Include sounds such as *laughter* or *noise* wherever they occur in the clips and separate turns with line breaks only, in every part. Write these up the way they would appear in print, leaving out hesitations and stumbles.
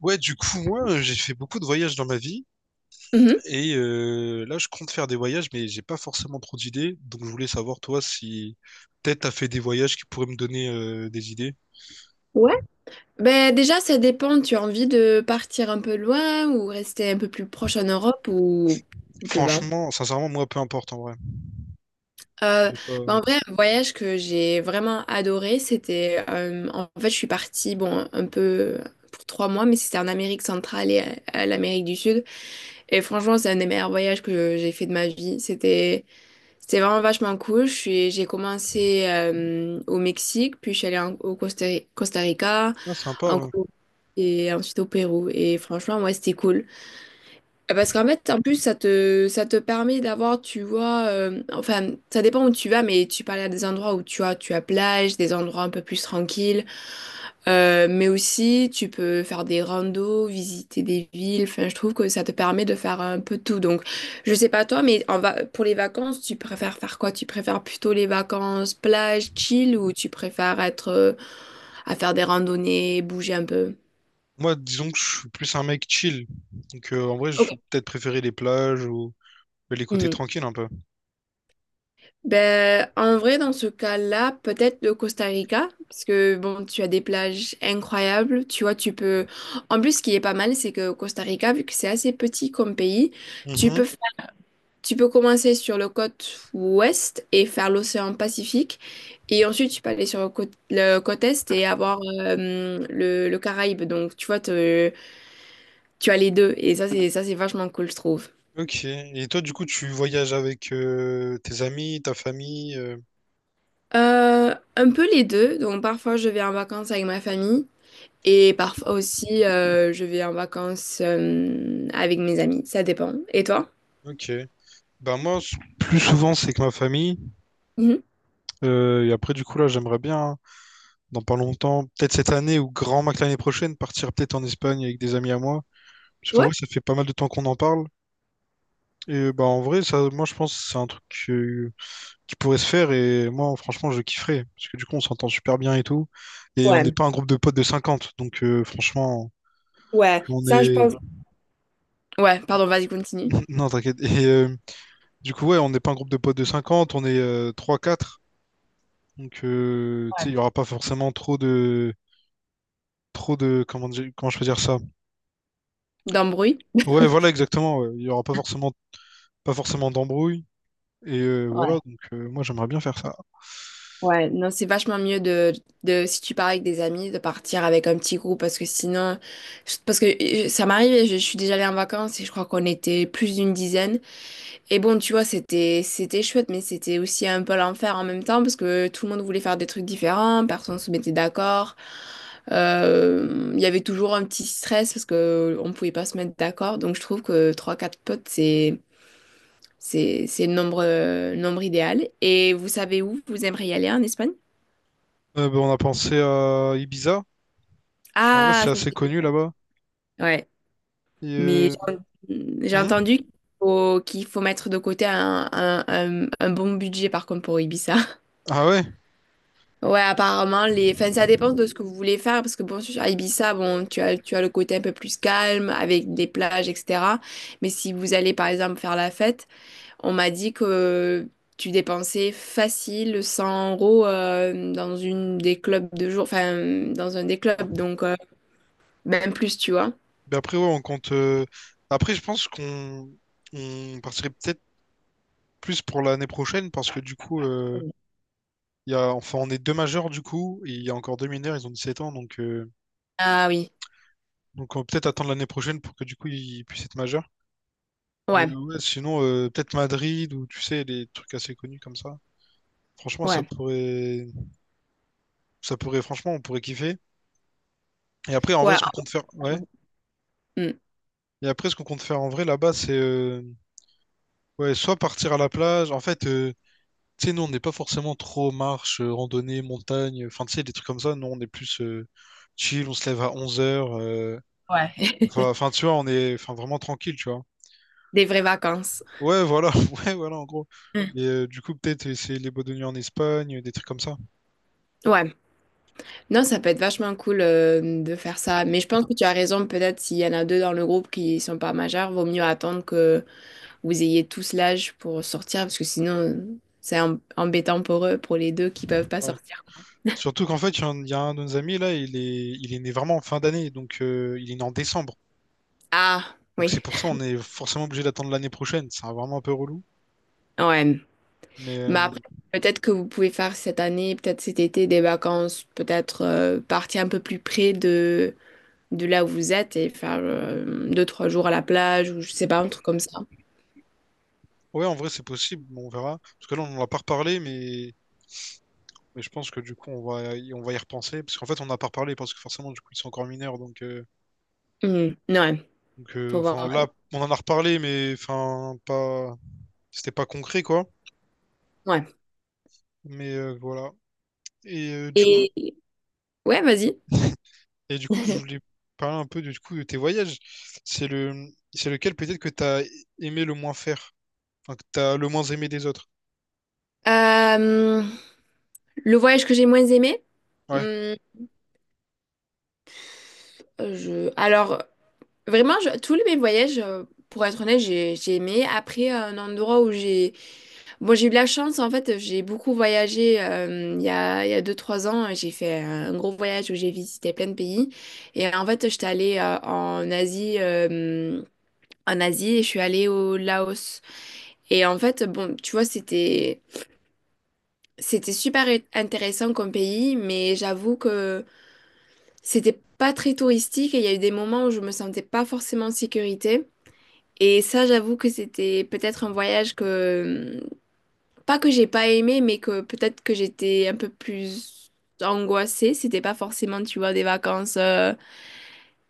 Ouais, du coup, moi, j'ai fait beaucoup de voyages dans ma vie
Mhm.
et là, je compte faire des voyages, mais j'ai pas forcément trop d'idées. Donc, je voulais savoir, toi, si peut-être t'as fait des voyages qui pourraient me donner des idées.
Ouais. Ben déjà, ça dépend. Tu as envie de partir un peu loin ou rester un peu plus proche en Europe ou tout te va.
Franchement, sincèrement, moi, peu importe en vrai.
Euh,
J'ai pas.
ben, en vrai, un voyage que j'ai vraiment adoré, c'était en fait, je suis partie bon un peu pour 3 mois, mais c'était en Amérique centrale et à l'Amérique du Sud. Et franchement, c'est un des meilleurs voyages que j'ai fait de ma vie. C'était vraiment vachement cool. J'ai commencé au Mexique, puis je suis allée au Costa Rica,
Ah, sympa,
en
ouais.
Colombie et ensuite au Pérou. Et franchement, ouais, c'était cool. Parce qu'en fait, en plus, ça te permet d'avoir, tu vois, enfin, ça dépend où tu vas, mais tu parles à des endroits où tu as plage, des endroits un peu plus tranquilles. Mais aussi tu peux faire des randos, visiter des villes, enfin, je trouve que ça te permet de faire un peu tout. Donc, je sais pas toi, mais en va pour les vacances, tu préfères faire quoi? Tu préfères plutôt les vacances plage, chill, ou tu préfères être à faire des randonnées, bouger un peu?
Moi, disons que je suis plus un mec chill. Donc, en vrai, je vais peut-être préférer les plages ou les côtés
Ok.
tranquilles un peu.
Ben, en vrai, dans ce cas-là, peut-être le Costa Rica, parce que bon, tu as des plages incroyables, tu vois, En plus, ce qui est pas mal, c'est que au Costa Rica, vu que c'est assez petit comme pays, tu
Mhm.
peux faire- tu peux commencer sur le côte ouest et faire l'océan Pacifique, et ensuite tu peux aller sur le côte est et avoir le Caraïbe. Donc, tu vois, tu as les deux, et ça, c'est vachement cool, je trouve.
Ok. Et toi, du coup, tu voyages avec tes amis, ta famille.
Un peu les deux. Donc parfois je vais en vacances avec ma famille. Et parfois aussi, je vais en vacances avec mes amis. Ça dépend. Et toi?
Ok. Ben moi, plus souvent, c'est que ma famille.
Mhm.
Et après, du coup, là, j'aimerais bien, hein, dans pas longtemps, peut-être cette année ou grand max l'année prochaine, partir peut-être en Espagne avec des amis à moi. Parce qu'en
Ouais?
vrai, ça fait pas mal de temps qu'on en parle. Et bah, en vrai, ça, moi, je pense que c'est un truc euh, qui pourrait se faire. Et moi, franchement, je kifferais. Parce que du coup, on s'entend super bien et tout. Et on n'est
Ouais,
pas un groupe de potes de 50. Donc, franchement,
ouais,
on
ça je
est...
pense. Ouais, pardon, vas-y, continue.
*laughs* Non, t'inquiète. Et du coup, ouais, on n'est pas un groupe de potes de 50. On est trois quatre. Donc, tu sais,
Ouais.
il y aura pas forcément trop de comment je peux dire ça?
D'embrouille?
Ouais, voilà, exactement, ouais. Il y aura pas forcément d'embrouille et voilà.
Ouais,
Donc moi, j'aimerais bien faire ça.
ouais. Non, c'est vachement mieux si tu pars avec des amis, de partir avec un petit groupe parce que sinon, parce que ça m'arrive, je suis déjà allée en vacances et je crois qu'on était plus d'une dizaine. Et bon, tu vois, c'était chouette, mais c'était aussi un peu l'enfer en même temps parce que tout le monde voulait faire des trucs différents, personne se mettait d'accord. Il y avait toujours un petit stress parce que on pouvait pas se mettre d'accord. Donc je trouve que trois quatre potes, c'est le nombre idéal. Et vous savez où vous aimeriez aller en Espagne?
Ben, on a pensé à Ibiza. Parce vrai
Ah,
c'est
ça,
assez connu là-bas.
ouais.
Et,
Mais j'ai
hmm
entendu qu'il faut mettre de côté un bon budget par contre pour Ibiza.
ah ouais.
Ouais, apparemment, enfin, ça dépend de ce que vous voulez faire, parce que bon, sur Ibiza, bon, tu as le côté un peu plus calme, avec des plages, etc. Mais si vous allez, par exemple, faire la fête, on m'a dit que tu dépensais facile 100 € dans une des clubs de jour, enfin, dans un des clubs, donc même plus, tu vois.
Ben après, ouais, on compte. Après, je pense qu'on on partirait peut-être plus pour l'année prochaine, parce que du coup, il y a, enfin, on est deux majeurs du coup, et il y a encore deux mineurs, ils ont 17 ans, donc euh,
Ah oui,
donc on va peut-être attendre l'année prochaine pour que du coup ils puissent être majeurs. Mais
ouais,
ouais, sinon, peut-être Madrid, ou tu sais, les trucs assez connus comme ça. Franchement, ça
ouais,
pourrait, ça pourrait, franchement, on pourrait kiffer. Et après, en
ouais,
vrai, ce
ah,
qu'on compte faire, ouais.
franchement. Mm.
Et après, ce qu'on compte faire en vrai là-bas, c'est ouais, soit partir à la plage. En fait, tu sais, nous, on n'est pas forcément trop marche, randonnée, montagne. Enfin, tu sais, des trucs comme ça. Nous, on est plus chill, on se lève à 11 heures.
Ouais. *laughs*
Enfin, tu vois, on est, enfin, vraiment tranquille, tu vois.
Des vraies vacances.
Ouais, voilà, *laughs* ouais, voilà, en gros.
Hmm.
Et du coup, peut-être essayer les boîtes de nuit en Espagne, des trucs comme ça.
Ouais. Non, ça peut être vachement cool, de faire ça, mais je pense que tu as raison, peut-être s'il y en a 2 dans le groupe qui sont pas majeurs, vaut mieux attendre que vous ayez tous l'âge pour sortir parce que sinon c'est embêtant pour eux, pour les deux qui peuvent pas
Ouais.
sortir.
Surtout qu'en fait, il y a un de nos amis là, il est né vraiment en fin d'année, donc il est né en décembre.
Ah
Donc c'est
oui,
pour ça on est forcément obligé d'attendre l'année prochaine. C'est vraiment un peu relou.
ouais,
Mais
mais après peut-être que vous pouvez faire cette année, peut-être cet été des vacances, peut-être, partir un peu plus près de là où vous êtes et faire, 2-3 jours à la plage ou je sais pas, un truc comme ça.
ouais, en vrai, c'est possible, mais on verra. Parce que là, on n'en a pas reparlé, mais je pense que du coup, on va y repenser. Parce qu'en fait, on n'a pas reparlé, parce que forcément, du coup, ils sont encore mineurs. Donc, euh,
Mmh, ouais,
donc euh,
faut
enfin,
voir,
là, on en a reparlé, mais enfin, pas. C'était pas concret, quoi.
ouais. Ouais.
Mais voilà. Et, du coup,
et Ouais, vas-y.
je voulais
*laughs*
parler un peu, du coup, de tes voyages. C'est le... c'est lequel peut-être que t'as aimé le moins faire, enfin, que t'as le moins aimé des autres?
Euh, le voyage que j'ai moins aimé,
Ouais,
hum, alors vraiment, tous les mes voyages, pour être honnête, j'ai aimé. Après, un endroit où j'ai... Bon, j'ai eu de la chance, en fait, j'ai beaucoup voyagé il y a 2-3 ans. J'ai fait un gros voyage où j'ai visité plein de pays. Et en fait, j'étais allée en Asie et je suis allée au Laos. Et en fait, bon, tu vois, C'était super intéressant comme pays, mais j'avoue que c'était pas très touristique et il y a eu des moments où je me sentais pas forcément en sécurité. Et ça, j'avoue que c'était peut-être un voyage que, pas que j'ai pas aimé, mais que peut-être que j'étais un peu plus angoissée. C'était pas forcément, tu vois, des vacances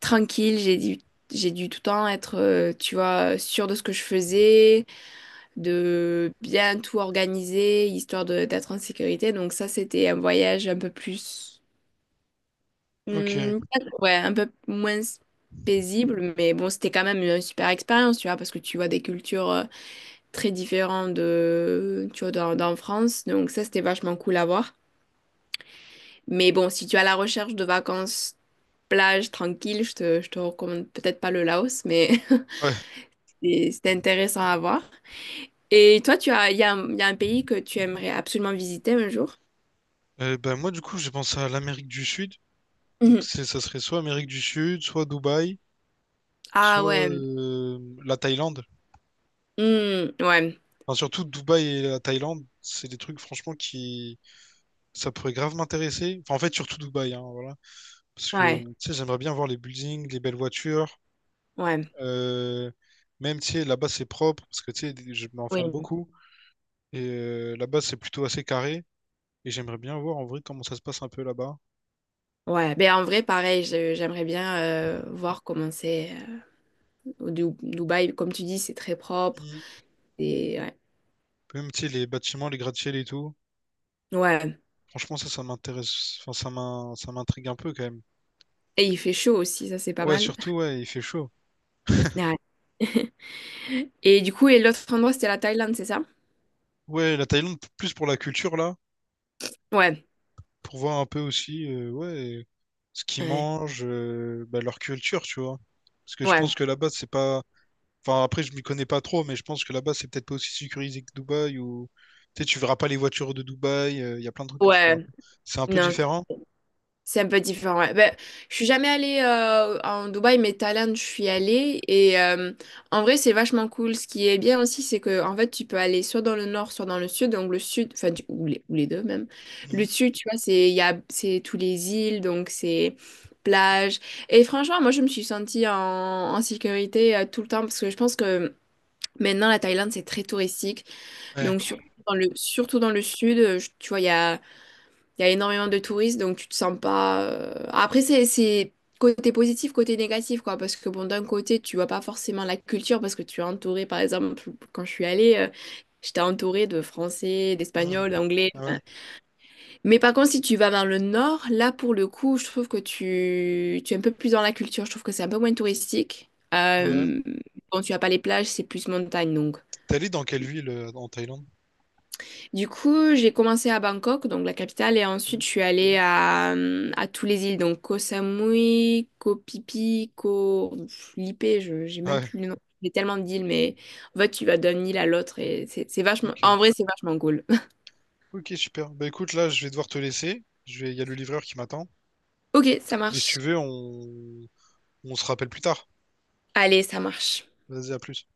tranquilles. J'ai dû tout le temps être, tu vois, sûre de ce que je faisais, de bien tout organiser, histoire d'être en sécurité. Donc ça, c'était un voyage un peu plus,
ok.
hmm, ouais, un peu moins paisible, mais bon, c'était quand même une super expérience, tu vois, parce que tu vois des cultures très différentes de, tu vois, dans France, donc ça, c'était vachement cool à voir. Mais bon, si tu es à la recherche de vacances plage tranquille, je te recommande peut-être pas le Laos, mais
Ouais.
*laughs* c'était intéressant à voir. Et toi, tu as, il y a, un- il y a un pays que tu aimerais absolument visiter un jour?
Ben, moi, du coup, j'ai pensé à l'Amérique du Sud. Donc
Mhm.
ça serait soit Amérique du Sud, soit Dubaï, soit
Ah ouais.
la Thaïlande.
Hmm, ouais,
Enfin, surtout Dubaï et la Thaïlande, c'est des trucs franchement qui, ça pourrait grave m'intéresser. Enfin, en fait, surtout Dubaï, hein, voilà. Parce que,
ouais,
tu sais, j'aimerais bien voir les buildings, les belles voitures.
ouais.
euh, Même, tu sais, là-bas, c'est propre, parce que, tu sais, je m'informe
Oui.
beaucoup. Et là-bas, c'est plutôt assez carré. Et j'aimerais bien voir, en vrai, comment ça se passe un peu là-bas.
Ouais, ben en vrai, pareil, j'aimerais bien voir comment c'est au Dubaï. Comme tu dis, c'est très propre.
Mm.
Et, ouais.
Même, tu sais, les bâtiments, les gratte-ciels et tout.
Ouais.
Franchement, ça m'intéresse. Enfin, ça m'intrigue un peu, quand même.
Et il fait chaud aussi, ça c'est pas
Ouais,
mal.
surtout, ouais, il fait chaud.
Ouais. Et du coup, et l'autre endroit, c'était la Thaïlande, c'est ça?
Ouais, la Thaïlande, plus pour la culture, là,
Ouais.
pour voir un peu aussi, ouais, ce qu'ils
Ouais.
mangent, bah, leur culture, tu vois. Parce que je
Ouais.
pense que là-bas, c'est pas. Enfin, après, je m'y connais pas trop, mais je pense que là-bas, c'est peut-être pas aussi sécurisé que Dubaï, ou. Tu sais, tu verras pas les voitures de Dubaï, il y a plein de trucs que tu verras
Ouais.
pas. C'est un peu
Non.
différent.
C'est un peu différent, ouais. Ben, je suis jamais allée en Dubaï, mais Thaïlande, je suis allée. Et en vrai, c'est vachement cool. Ce qui est bien aussi, c'est que en fait, tu peux aller soit dans le nord, soit dans le sud. Donc le sud, enfin, ou les deux même.
Mhm.
Le sud, tu vois, c'est il y a, c'est tous les îles, donc c'est plage. Et franchement, moi, je me suis sentie en sécurité tout le temps parce que je pense que maintenant, la Thaïlande, c'est très touristique.
Ouais.
Donc surtout dans le sud, tu vois, Il y a énormément de touristes, donc tu te sens pas. Après, c'est côté positif, côté négatif, quoi. Parce que, bon, d'un côté, tu vois pas forcément la culture, parce que tu es entouré, par exemple, quand je suis allée, j'étais entourée de Français,
Mhm.
d'Espagnols, d'Anglais.
Ouais,
Enfin. Mais par contre, si tu vas vers le nord, là, pour le coup, je trouve que tu es un peu plus dans la culture. Je trouve que c'est un peu moins touristique.
ouais.
Bon, tu as pas les plages, c'est plus montagne, donc.
T'es allé dans quelle ville en Thaïlande?
Du coup, j'ai commencé à Bangkok, donc la capitale, et
Hmm.
ensuite je suis allée à tous les îles, donc Koh Samui, Koh Phi Phi, Koh Lipe, je j'ai même
Ouais,
plus le nom. J'ai tellement d'îles, mais en fait, tu vas d'une île à l'autre et c'est vachement.
ok.
En vrai, c'est vachement cool. *laughs*
Ok, super. Bah écoute, là, je vais devoir te laisser. Je vais, il y a le livreur qui m'attend.
Ok, ça
Mais si tu
marche.
veux, on se rappelle plus tard.
Allez, ça marche.
Vas-y, à plus.